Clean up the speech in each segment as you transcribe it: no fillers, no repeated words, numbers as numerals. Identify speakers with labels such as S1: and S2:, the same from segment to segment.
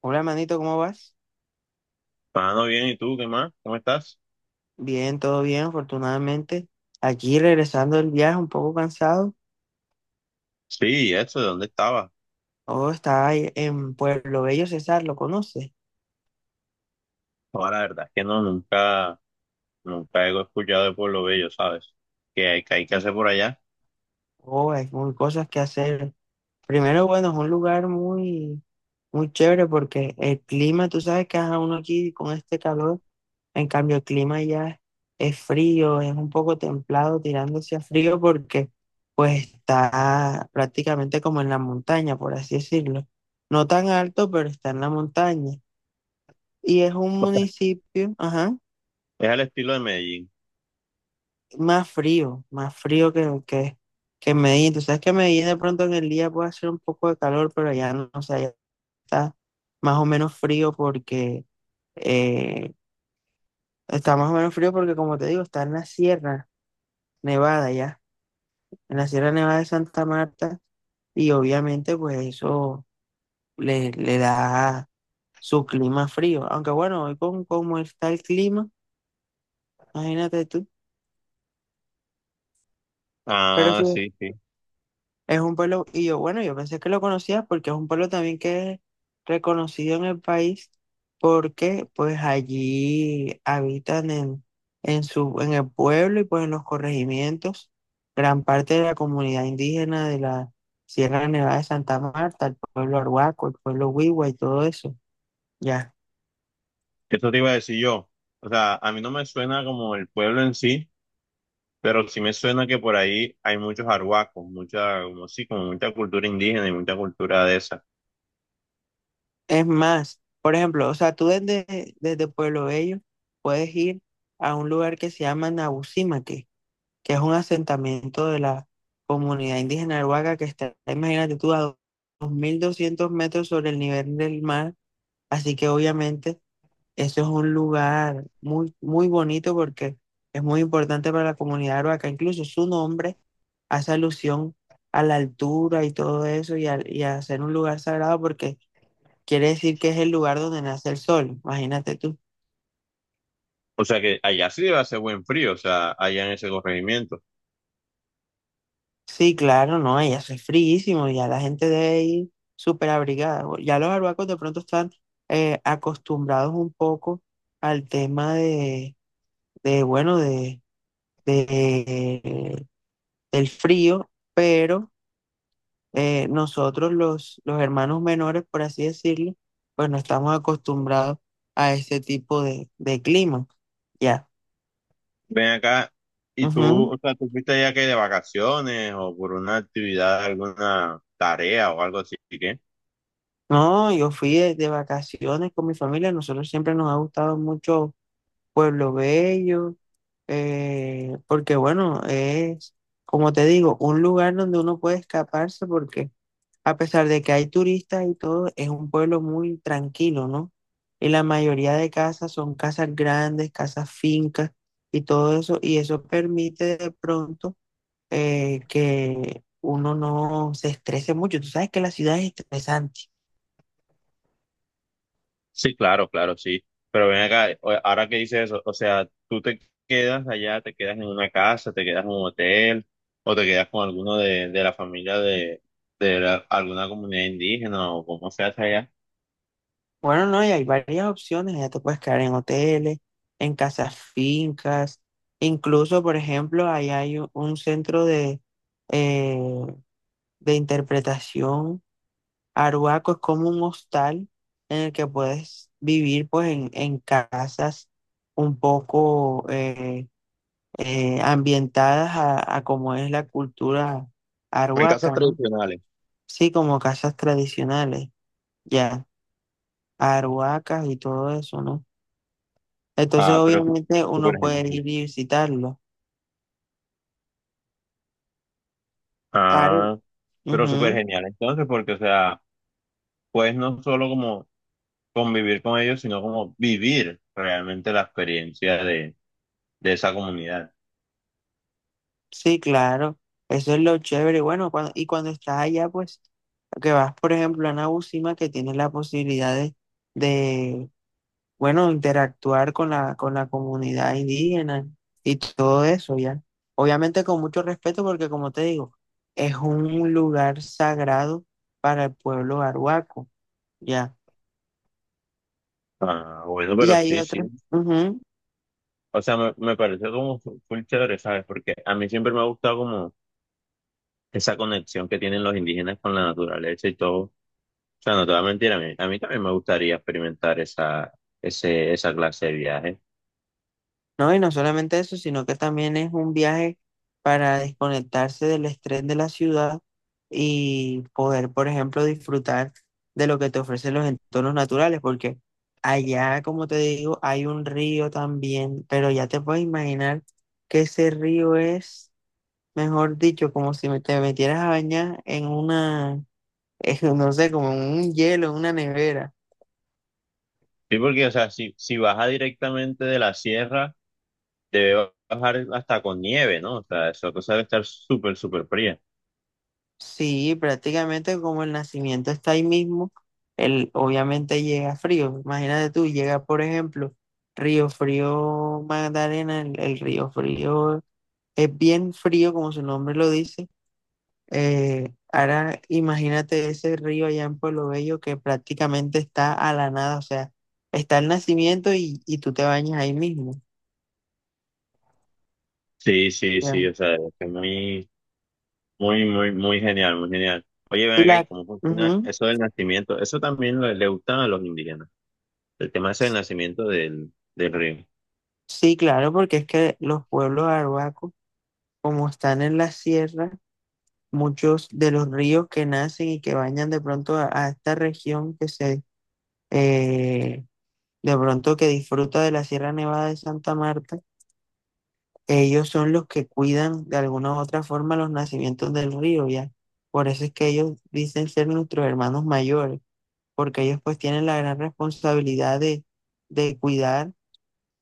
S1: Hola, manito, ¿cómo vas?
S2: Mano, bien, ¿y tú qué más? ¿Cómo estás?
S1: Bien, todo bien, afortunadamente. Aquí regresando del viaje, un poco cansado.
S2: Sí, eso, ¿de dónde estabas?
S1: Oh, está ahí en Pueblo Bello, César, ¿lo conoces?
S2: Ahora, la verdad es que no, nunca he escuchado de Pueblo Bello, ¿sabes? ¿Qué hay que hacer por allá?
S1: Oh, hay muy cosas que hacer. Primero, bueno, es un lugar muy, muy chévere porque el clima, tú sabes que ajá, uno aquí con este calor, en cambio el clima ya es frío, es un poco templado, tirándose a frío porque pues está prácticamente como en la montaña, por así decirlo. No tan alto, pero está en la montaña. Y es un municipio, ajá,
S2: Es al estilo de Medellín.
S1: más frío que Medellín. Tú sabes que Medellín de pronto en el día puede hacer un poco de calor, pero allá no, o sea, ya está más o menos frío porque eh, está más o menos frío porque, como te digo, está en la Sierra Nevada ya, en la Sierra Nevada de Santa Marta, y obviamente, pues eso le da su clima frío. Aunque bueno, hoy con cómo está el clima, imagínate tú. Pero
S2: Ah,
S1: sí,
S2: sí, sí.
S1: es un pueblo, y yo, bueno, yo pensé que lo conocía porque es un pueblo también que es reconocido en el país porque pues allí habitan en su, en el pueblo y pues en los corregimientos gran parte de la comunidad indígena de la Sierra Nevada de Santa Marta, el pueblo Arhuaco, el pueblo Huigua y todo eso, ya.
S2: Eso te iba a decir yo. O sea, a mí no me suena como el pueblo en sí, pero sí me suena que por ahí hay muchos arhuacos, mucha, como sí, como mucha cultura indígena y mucha cultura de esa.
S1: Es más, por ejemplo, o sea, tú desde Pueblo Bello puedes ir a un lugar que se llama Nabusimaque, que es un asentamiento de la comunidad indígena Arhuaca que está, imagínate tú, a 2.200 metros sobre el nivel del mar. Así que obviamente eso es un lugar muy, muy bonito porque es muy importante para la comunidad Arhuaca. Incluso su nombre hace alusión a la altura y todo eso y y a ser un lugar sagrado porque quiere decir que es el lugar donde nace el sol. Imagínate tú.
S2: O sea que allá sí debe hacer buen frío, o sea, allá en ese corregimiento.
S1: Sí, claro, no, ya hace fríísimo, ya la gente debe ir súper abrigada. Ya los arhuacos de pronto están acostumbrados un poco al tema de, bueno, de- del frío, pero nosotros los hermanos menores, por así decirlo, pues no estamos acostumbrados a ese tipo de clima, ya.
S2: Ven acá, y tú,
S1: Ujú.
S2: o sea, tú fuiste ya que de vacaciones o por una actividad, alguna tarea o algo así, ¿qué?
S1: No, yo fui de vacaciones con mi familia, nosotros siempre nos ha gustado mucho Pueblo Bello, porque bueno, es, como te digo, un lugar donde uno puede escaparse porque a pesar de que hay turistas y todo, es un pueblo muy tranquilo, ¿no? Y la mayoría de casas son casas grandes, casas fincas y todo eso, y eso permite de pronto que uno no se estrese mucho. Tú sabes que la ciudad es estresante.
S2: Sí, claro, claro, sí. Pero ven acá, ahora que dices eso, o sea, tú te quedas allá, te quedas en una casa, te quedas en un hotel o te quedas con alguno de la familia de alguna comunidad indígena o como se hace allá.
S1: Bueno, no, y hay varias opciones. Ya te puedes quedar en hoteles, en casas fincas. Incluso, por ejemplo, ahí hay un centro eh, de interpretación. Aruaco es como un hostal en el que puedes vivir pues en casas un poco ambientadas a como es la cultura
S2: En casas
S1: aruaca, ¿no?
S2: tradicionales.
S1: Sí, como casas tradicionales, ya, aruacas y todo eso, ¿no? Entonces,
S2: Ah, pero
S1: obviamente,
S2: súper
S1: uno puede ir
S2: genial.
S1: y visitarlo. Are-
S2: Ah, pero súper
S1: ujú,
S2: genial. Entonces, porque, o sea, pues no solo como convivir con ellos, sino como vivir realmente la experiencia de esa comunidad.
S1: sí, claro. Eso es lo chévere. Bueno, cuando, y cuando estás allá, pues, que vas, por ejemplo, a Nabucima, que tienes la posibilidad de, bueno, interactuar con con la comunidad indígena y todo eso, ¿ya? Obviamente con mucho respeto, porque como te digo, es un lugar sagrado para el pueblo arhuaco, ¿ya?
S2: Ah, bueno,
S1: Y
S2: pero
S1: hay
S2: sí, sí.
S1: otros.
S2: O sea, me pareció como full chévere, ¿sabes? Porque a mí siempre me ha gustado como esa conexión que tienen los indígenas con la naturaleza y todo. O sea, no te voy a mentir, a mí también me gustaría experimentar esa, esa clase de viaje.
S1: No, y no solamente eso, sino que también es un viaje para desconectarse del estrés de la ciudad y poder, por ejemplo, disfrutar de lo que te ofrecen los entornos naturales, porque allá, como te digo, hay un río también, pero ya te puedes imaginar que ese río es, mejor dicho, como si te metieras a bañar en una, es no sé, como en un hielo, en una nevera.
S2: Sí, porque, o sea, si baja directamente de la sierra, debe bajar hasta con nieve, ¿no? O sea, esa cosa debe estar súper, súper fría.
S1: Sí, prácticamente como el nacimiento está ahí mismo, el, obviamente llega frío. Imagínate tú, llega por ejemplo Río Frío Magdalena, el Río Frío es bien frío como su nombre lo dice. Ahora imagínate ese río allá en Pueblo Bello que prácticamente está a la nada, o sea, está el nacimiento y tú te bañas ahí mismo.
S2: Sí, sí,
S1: Ya.
S2: sí, o sea, es que muy, muy, muy, muy genial, muy genial. Oye, ven
S1: Y
S2: acá, ¿y
S1: la,
S2: cómo funciona
S1: ujú,
S2: eso del nacimiento? Eso también le gusta a los indígenas. El tema es el nacimiento del río.
S1: sí, claro, porque es que los pueblos arhuacos, como están en la sierra, muchos de los ríos que nacen y que bañan de pronto a esta región que eh, de pronto que disfruta de la Sierra Nevada de Santa Marta, ellos son los que cuidan de alguna u otra forma los nacimientos del río, ¿ya? Por eso es que ellos dicen ser nuestros hermanos mayores, porque ellos pues tienen la gran responsabilidad de cuidar,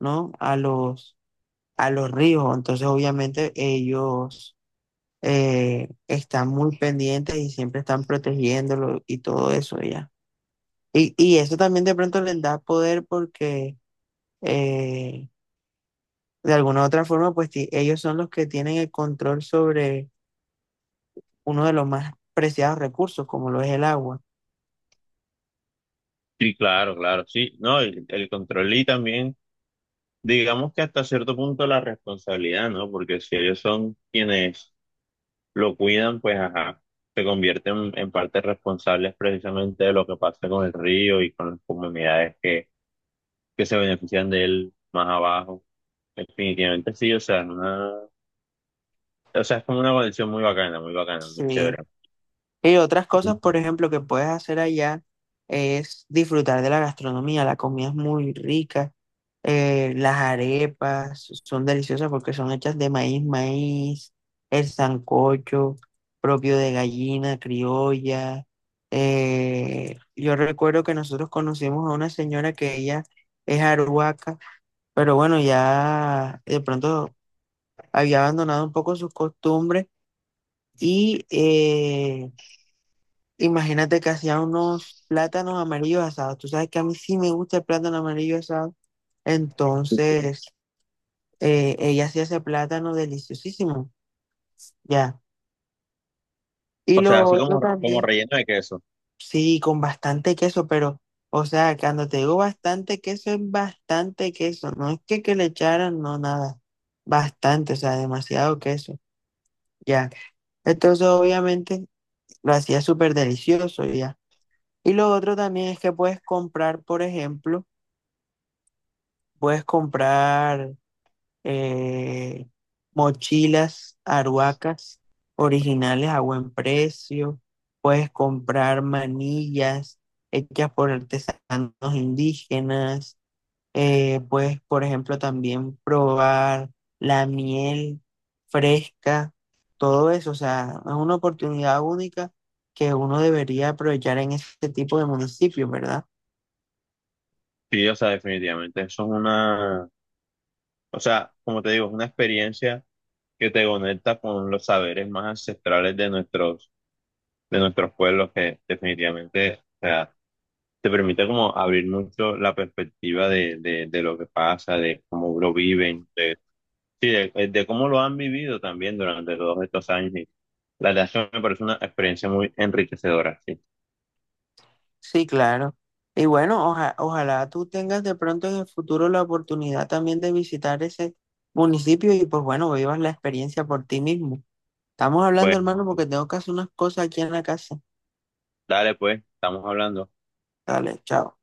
S1: ¿no? A los ríos, entonces obviamente ellos están muy pendientes y siempre están protegiéndolo y todo eso ya. Y eso también de pronto les da poder porque eh, de alguna u otra forma, pues ellos son los que tienen el control sobre uno de los más preciados recursos, como lo es el agua.
S2: Sí, claro, claro, sí. No, el control y también, digamos que hasta cierto punto la responsabilidad, ¿no? Porque si ellos son quienes lo cuidan, pues ajá, se convierten en parte responsables precisamente de lo que pasa con el río y con las comunidades que se benefician de él más abajo. Definitivamente sí, o sea, una. O sea, es como una conexión muy bacana, muy bacana, muy chévere.
S1: Sí. Y otras cosas, por ejemplo, que puedes hacer allá es disfrutar de la gastronomía. La comida es muy rica. Eh, las arepas son deliciosas porque son hechas de maíz, maíz, el sancocho propio de gallina criolla. Eh, yo recuerdo que nosotros conocimos a una señora que ella es arhuaca, pero bueno, ya de pronto había abandonado un poco sus costumbres y... imagínate que hacía unos plátanos amarillos asados. Tú sabes que a mí sí me gusta el plátano amarillo asado. Entonces, ella hacía ese plátano deliciosísimo. Ya. Y
S2: O
S1: lo
S2: sea, así
S1: otro
S2: como, como
S1: también,
S2: relleno de queso.
S1: sí, con bastante queso, pero, o sea, cuando te digo bastante queso, es bastante queso. No es que le echaran, no, nada. Bastante, o sea, demasiado queso. Ya. Entonces, obviamente, lo hacía súper delicioso, ya. Y lo otro también es que puedes comprar, por ejemplo, puedes comprar eh, mochilas aruacas originales a buen precio. Puedes comprar manillas hechas por artesanos indígenas. Puedes, por ejemplo, también probar la miel fresca. Todo eso, o sea, es una oportunidad única que uno debería aprovechar en este tipo de municipios, ¿verdad?
S2: Sí, o sea, definitivamente. Eso es una, o sea, como te digo, es una experiencia que te conecta con los saberes más ancestrales de nuestros pueblos, que definitivamente, o sea, te permite como abrir mucho la perspectiva de lo que pasa, de cómo lo viven, de, sí, de cómo lo han vivido también durante todos estos años. Y la verdad es que me parece una experiencia muy enriquecedora, sí.
S1: Sí, claro. Y bueno, ojalá tú tengas de pronto en el futuro la oportunidad también de visitar ese municipio y pues bueno, vivas la experiencia por ti mismo. Estamos hablando,
S2: Bueno,
S1: hermano, porque tengo que hacer unas cosas aquí en la casa.
S2: dale, pues, estamos hablando.
S1: Dale, chao.